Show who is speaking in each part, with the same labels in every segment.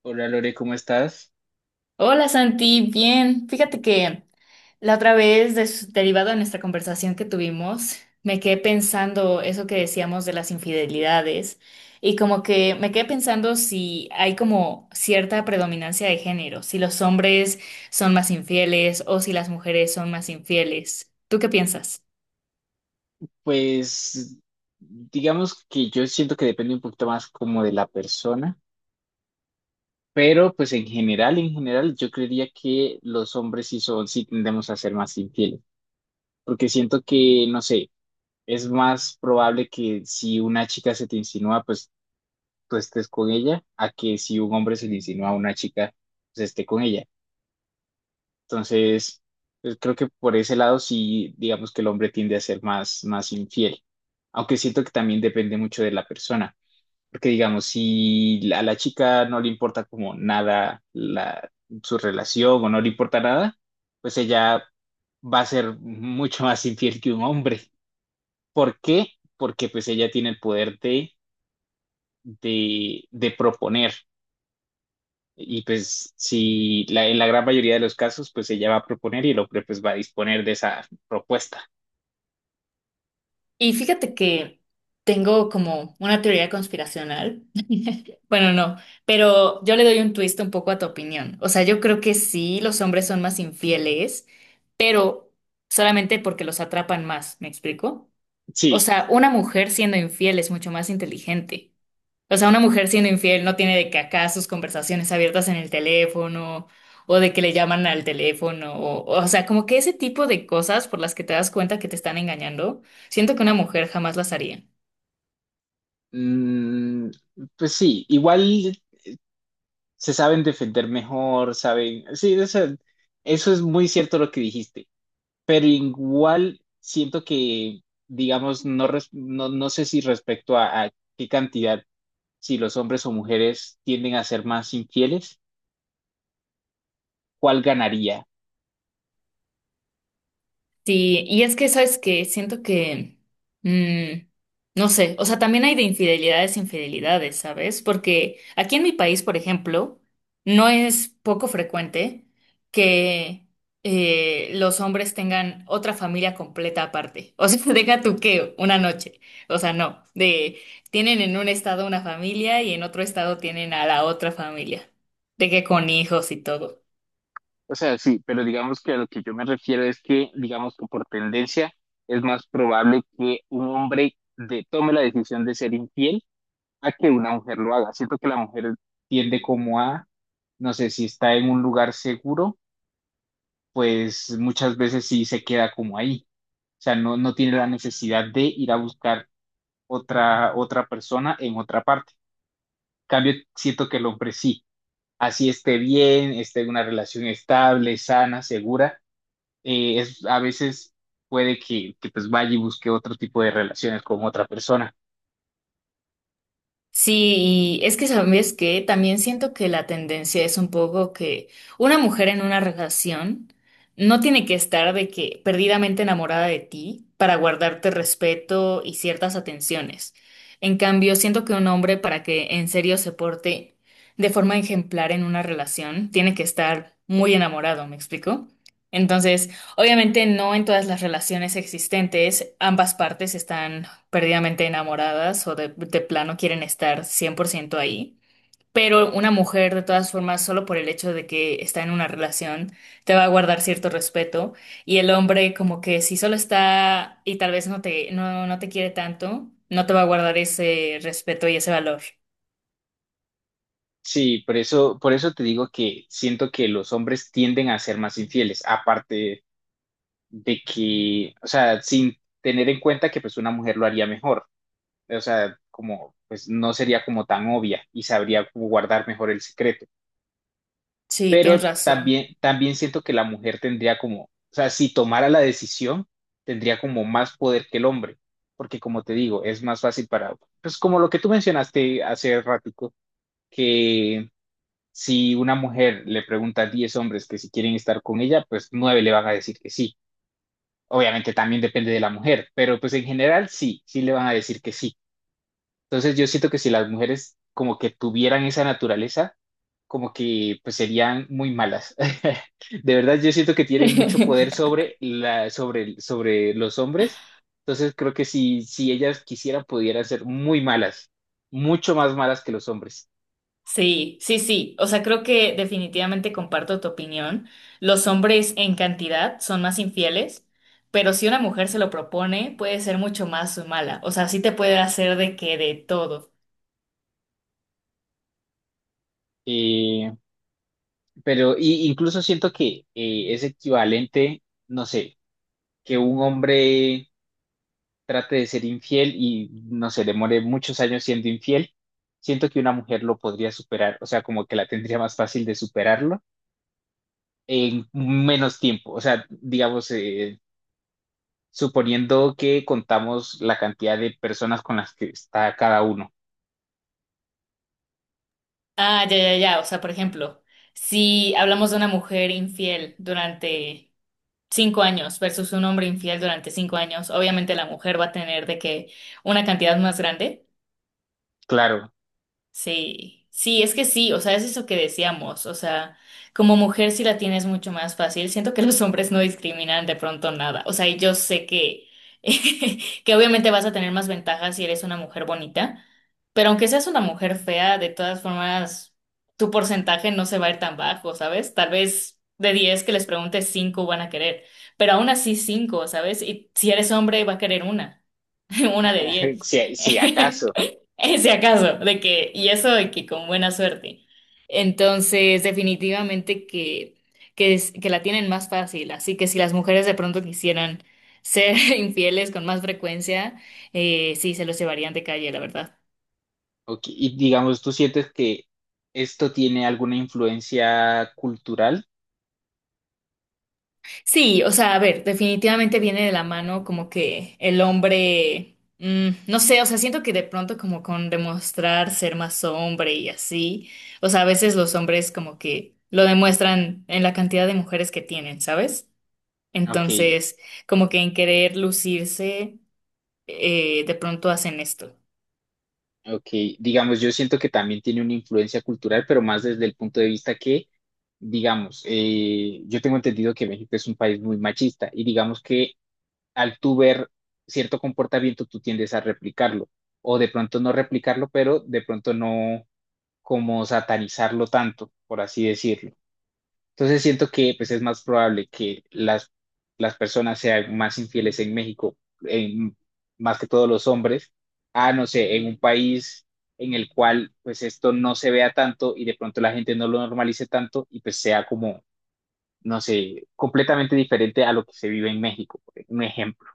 Speaker 1: Hola Lore, ¿cómo estás?
Speaker 2: Hola Santi, bien. Fíjate que la otra vez, derivado de nuestra conversación que tuvimos, me quedé pensando eso que decíamos de las infidelidades y como que me quedé pensando si hay como cierta predominancia de género, si los hombres son más infieles o si las mujeres son más infieles. ¿Tú qué piensas?
Speaker 1: Pues digamos que yo siento que depende un poquito más como de la persona, pero pues en general, yo creería que los hombres sí son, sí tendemos a ser más infieles, porque siento que, no sé, es más probable que si una chica se te insinúa, pues tú estés con ella, a que si un hombre se le insinúa a una chica, pues esté con ella. Entonces, pues, creo que por ese lado sí, digamos que el hombre tiende a ser más infiel, aunque siento que también depende mucho de la persona, porque digamos, si a la chica no le importa como nada su relación o no le importa nada, pues ella va a ser mucho más infiel que un hombre. ¿Por qué? Porque pues ella tiene el poder de proponer. Y pues si en la gran mayoría de los casos, pues ella va a proponer y el hombre pues va a disponer de esa propuesta.
Speaker 2: Y fíjate que tengo como una teoría conspiracional. Bueno, no, pero yo le doy un twist un poco a tu opinión. O sea, yo creo que sí, los hombres son más infieles, pero solamente porque los atrapan más, ¿me explico? O
Speaker 1: Sí,
Speaker 2: sea, una mujer siendo infiel es mucho más inteligente. O sea, una mujer siendo infiel no tiene de que acá sus conversaciones abiertas en el teléfono o de que le llaman al teléfono o sea, como que ese tipo de cosas por las que te das cuenta que te están engañando, siento que una mujer jamás las haría.
Speaker 1: mm, pues sí, igual se saben defender mejor, saben, sí, o sea, eso es muy cierto lo que dijiste, pero igual siento que, digamos, no, no, no sé si respecto a qué cantidad, si los hombres o mujeres tienden a ser más infieles, ¿cuál ganaría?
Speaker 2: Sí, y es que, ¿sabes que siento que, mm, no sé, o sea, también hay de infidelidades, infidelidades, ¿sabes? Porque aquí en mi país, por ejemplo, no es poco frecuente que los hombres tengan otra familia completa aparte. O sea, deja tú que una noche. O sea, no, de tienen en un estado una familia y en otro estado tienen a la otra familia, de que con hijos y todo.
Speaker 1: O sea, sí, pero digamos que a lo que yo me refiero es que, digamos que por tendencia es más probable que un hombre tome la decisión de ser infiel a que una mujer lo haga. Siento que la mujer tiende como a, no sé, si está en un lugar seguro, pues muchas veces sí se queda como ahí. O sea, no, no tiene la necesidad de ir a buscar otra persona en otra parte. En cambio, siento que el hombre sí, así esté bien, esté en una relación estable, sana, segura, a veces puede que pues vaya y busque otro tipo de relaciones con otra persona.
Speaker 2: Sí, y es que sabes que también siento que la tendencia es un poco que una mujer en una relación no tiene que estar de que perdidamente enamorada de ti para guardarte respeto y ciertas atenciones. En cambio, siento que un hombre para que en serio se porte de forma ejemplar en una relación tiene que estar muy enamorado, ¿me explico? Entonces, obviamente no en todas las relaciones existentes ambas partes están perdidamente enamoradas o de plano quieren estar 100% ahí. Pero una mujer, de todas formas, solo por el hecho de que está en una relación, te va a guardar cierto respeto. Y el hombre, como que si solo está y tal vez no te, no te quiere tanto, no te va a guardar ese respeto y ese valor.
Speaker 1: Sí, por eso te digo que siento que los hombres tienden a ser más infieles, aparte de que, o sea, sin tener en cuenta que pues una mujer lo haría mejor, o sea, como pues no sería como tan obvia y sabría como guardar mejor el secreto.
Speaker 2: Sí, tienes
Speaker 1: Pero
Speaker 2: razón.
Speaker 1: también siento que la mujer tendría como, o sea, si tomara la decisión, tendría como más poder que el hombre, porque como te digo, es más fácil para, pues como lo que tú mencionaste hace ratico, que si una mujer le pregunta a 10 hombres que si quieren estar con ella, pues 9 le van a decir que sí. Obviamente también depende de la mujer, pero pues en general sí, sí le van a decir que sí. Entonces yo siento que si las mujeres como que tuvieran esa naturaleza, como que pues serían muy malas. De verdad, yo siento que tienen mucho poder sobre los hombres. Entonces creo que si ellas quisieran, pudieran ser muy malas, mucho más malas que los hombres.
Speaker 2: Sí, sí, sí. O sea, creo que definitivamente comparto tu opinión. Los hombres en cantidad son más infieles, pero si una mujer se lo propone, puede ser mucho más mala. O sea, sí te puede hacer de que de todo.
Speaker 1: Eh, pero incluso siento que es equivalente, no sé, que un hombre trate de ser infiel y, no sé, demore muchos años siendo infiel. Siento que una mujer lo podría superar, o sea, como que la tendría más fácil de superarlo en menos tiempo. O sea, digamos, suponiendo que contamos la cantidad de personas con las que está cada uno.
Speaker 2: Ah, ya, ya, ya. O sea, por ejemplo, si hablamos de una mujer infiel durante 5 años versus un hombre infiel durante 5 años, obviamente la mujer va a tener de que una cantidad más grande.
Speaker 1: Claro,
Speaker 2: Sí, sí, es que sí, o sea, es eso que decíamos, o sea, como mujer sí la tienes mucho más fácil, siento que los hombres no discriminan de pronto nada, o sea, y yo sé que, que obviamente vas a tener más ventajas si eres una mujer bonita, pero aunque seas una mujer fea, de todas formas, tu porcentaje no se va a ir tan bajo, ¿sabes? Tal vez de 10 que les preguntes, 5 van a querer, pero aún así 5, ¿sabes? Y si eres hombre, va a querer una. Una de 10.
Speaker 1: si, si acaso.
Speaker 2: Ese acaso, de que, y eso de que con buena suerte. Entonces, definitivamente que la tienen más fácil. Así que si las mujeres de pronto quisieran ser infieles con más frecuencia, sí, se los llevarían de calle, la verdad.
Speaker 1: Ok, y digamos, ¿tú sientes que esto tiene alguna influencia cultural?
Speaker 2: Sí, o sea, a ver, definitivamente viene de la mano como que el hombre, no sé, o sea, siento que de pronto como con demostrar ser más hombre y así, o sea, a veces los hombres como que lo demuestran en la cantidad de mujeres que tienen, ¿sabes?
Speaker 1: Ok.
Speaker 2: Entonces, como que en querer lucirse, de pronto hacen esto.
Speaker 1: Ok. Digamos, yo siento que también tiene una influencia cultural, pero más desde el punto de vista que, digamos, yo tengo entendido que México es un país muy machista y digamos que al tú ver cierto comportamiento, tú tiendes a replicarlo, o de pronto no replicarlo, pero de pronto no como satanizarlo tanto, por así decirlo. Entonces siento que pues es más probable que las personas sean más infieles en México, en- más que todos los hombres, a no sé, en un país en el cual pues esto no se vea tanto y de pronto la gente no lo normalice tanto y pues sea como, no sé, completamente diferente a lo que se vive en México, por un ejemplo.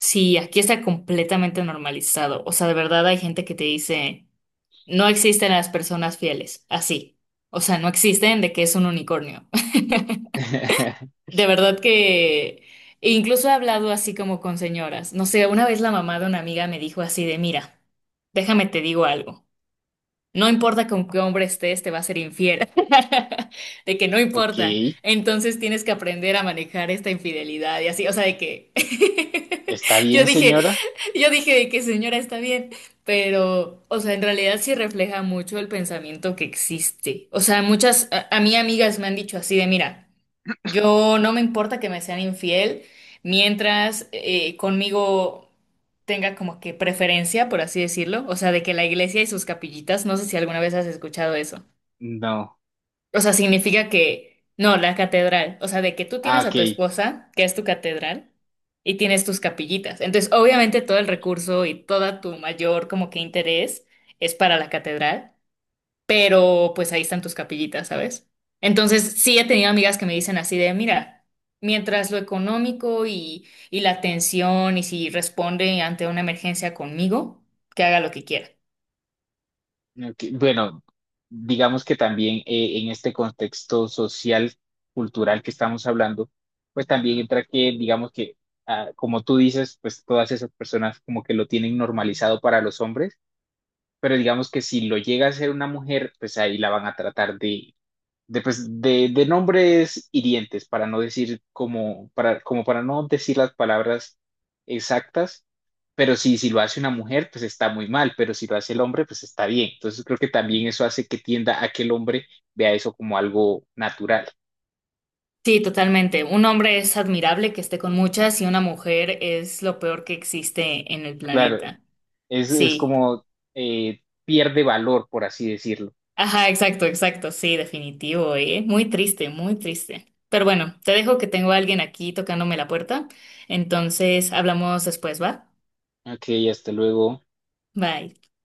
Speaker 2: Sí, aquí está completamente normalizado, o sea, de verdad hay gente que te dice, no existen las personas fieles, así, o sea, no existen de que es un unicornio. De verdad que e incluso he hablado así como con señoras. No sé, una vez la mamá de una amiga me dijo así de, mira, déjame te digo algo. No importa con qué hombre estés, te va a ser infiel. De que no
Speaker 1: Ok,
Speaker 2: importa. Entonces tienes que aprender a manejar esta infidelidad y así. O sea, de que
Speaker 1: ¿está
Speaker 2: yo
Speaker 1: bien,
Speaker 2: dije,
Speaker 1: señora?
Speaker 2: yo dije de que señora está bien. Pero, o sea, en realidad sí refleja mucho el pensamiento que existe. O sea, muchas, a mí amigas me han dicho así de, mira. Yo no me importa que me sean infiel mientras conmigo tenga como que preferencia, por así decirlo, o sea, de que la iglesia y sus capillitas, no sé si alguna vez has escuchado eso.
Speaker 1: No.
Speaker 2: O sea, significa que, no, la catedral, o sea, de que tú
Speaker 1: Ah,
Speaker 2: tienes a
Speaker 1: ok.
Speaker 2: tu esposa, que es tu catedral, y tienes tus capillitas. Entonces, obviamente todo el recurso y toda tu mayor como que interés es para la catedral pero pues ahí están tus capillitas, ¿sabes? Entonces sí he tenido amigas que me dicen así de, mira, mientras lo económico y la atención y si responde ante una emergencia conmigo, que haga lo que quiera.
Speaker 1: Ok. Bueno, digamos que también en este contexto social, cultural que estamos hablando, pues también entra que, digamos que, ah, como tú dices, pues todas esas personas como que lo tienen normalizado para los hombres, pero digamos que si lo llega a ser una mujer, pues ahí la van a tratar de, pues, de nombres hirientes, para no decir como para no decir las palabras exactas, pero si lo hace una mujer, pues está muy mal, pero si lo hace el hombre, pues está bien. Entonces creo que también eso hace que tienda a que el hombre vea eso como algo natural.
Speaker 2: Sí, totalmente. Un hombre es admirable que esté con muchas y una mujer es lo peor que existe en el
Speaker 1: Claro,
Speaker 2: planeta.
Speaker 1: es
Speaker 2: Sí.
Speaker 1: como pierde valor, por así decirlo.
Speaker 2: Ajá, exacto, exacto. Sí, definitivo, ¿eh? Muy triste, muy triste. Pero bueno, te dejo que tengo a alguien aquí tocándome la puerta. Entonces, hablamos después, ¿va?
Speaker 1: Ok, hasta luego.
Speaker 2: Bye.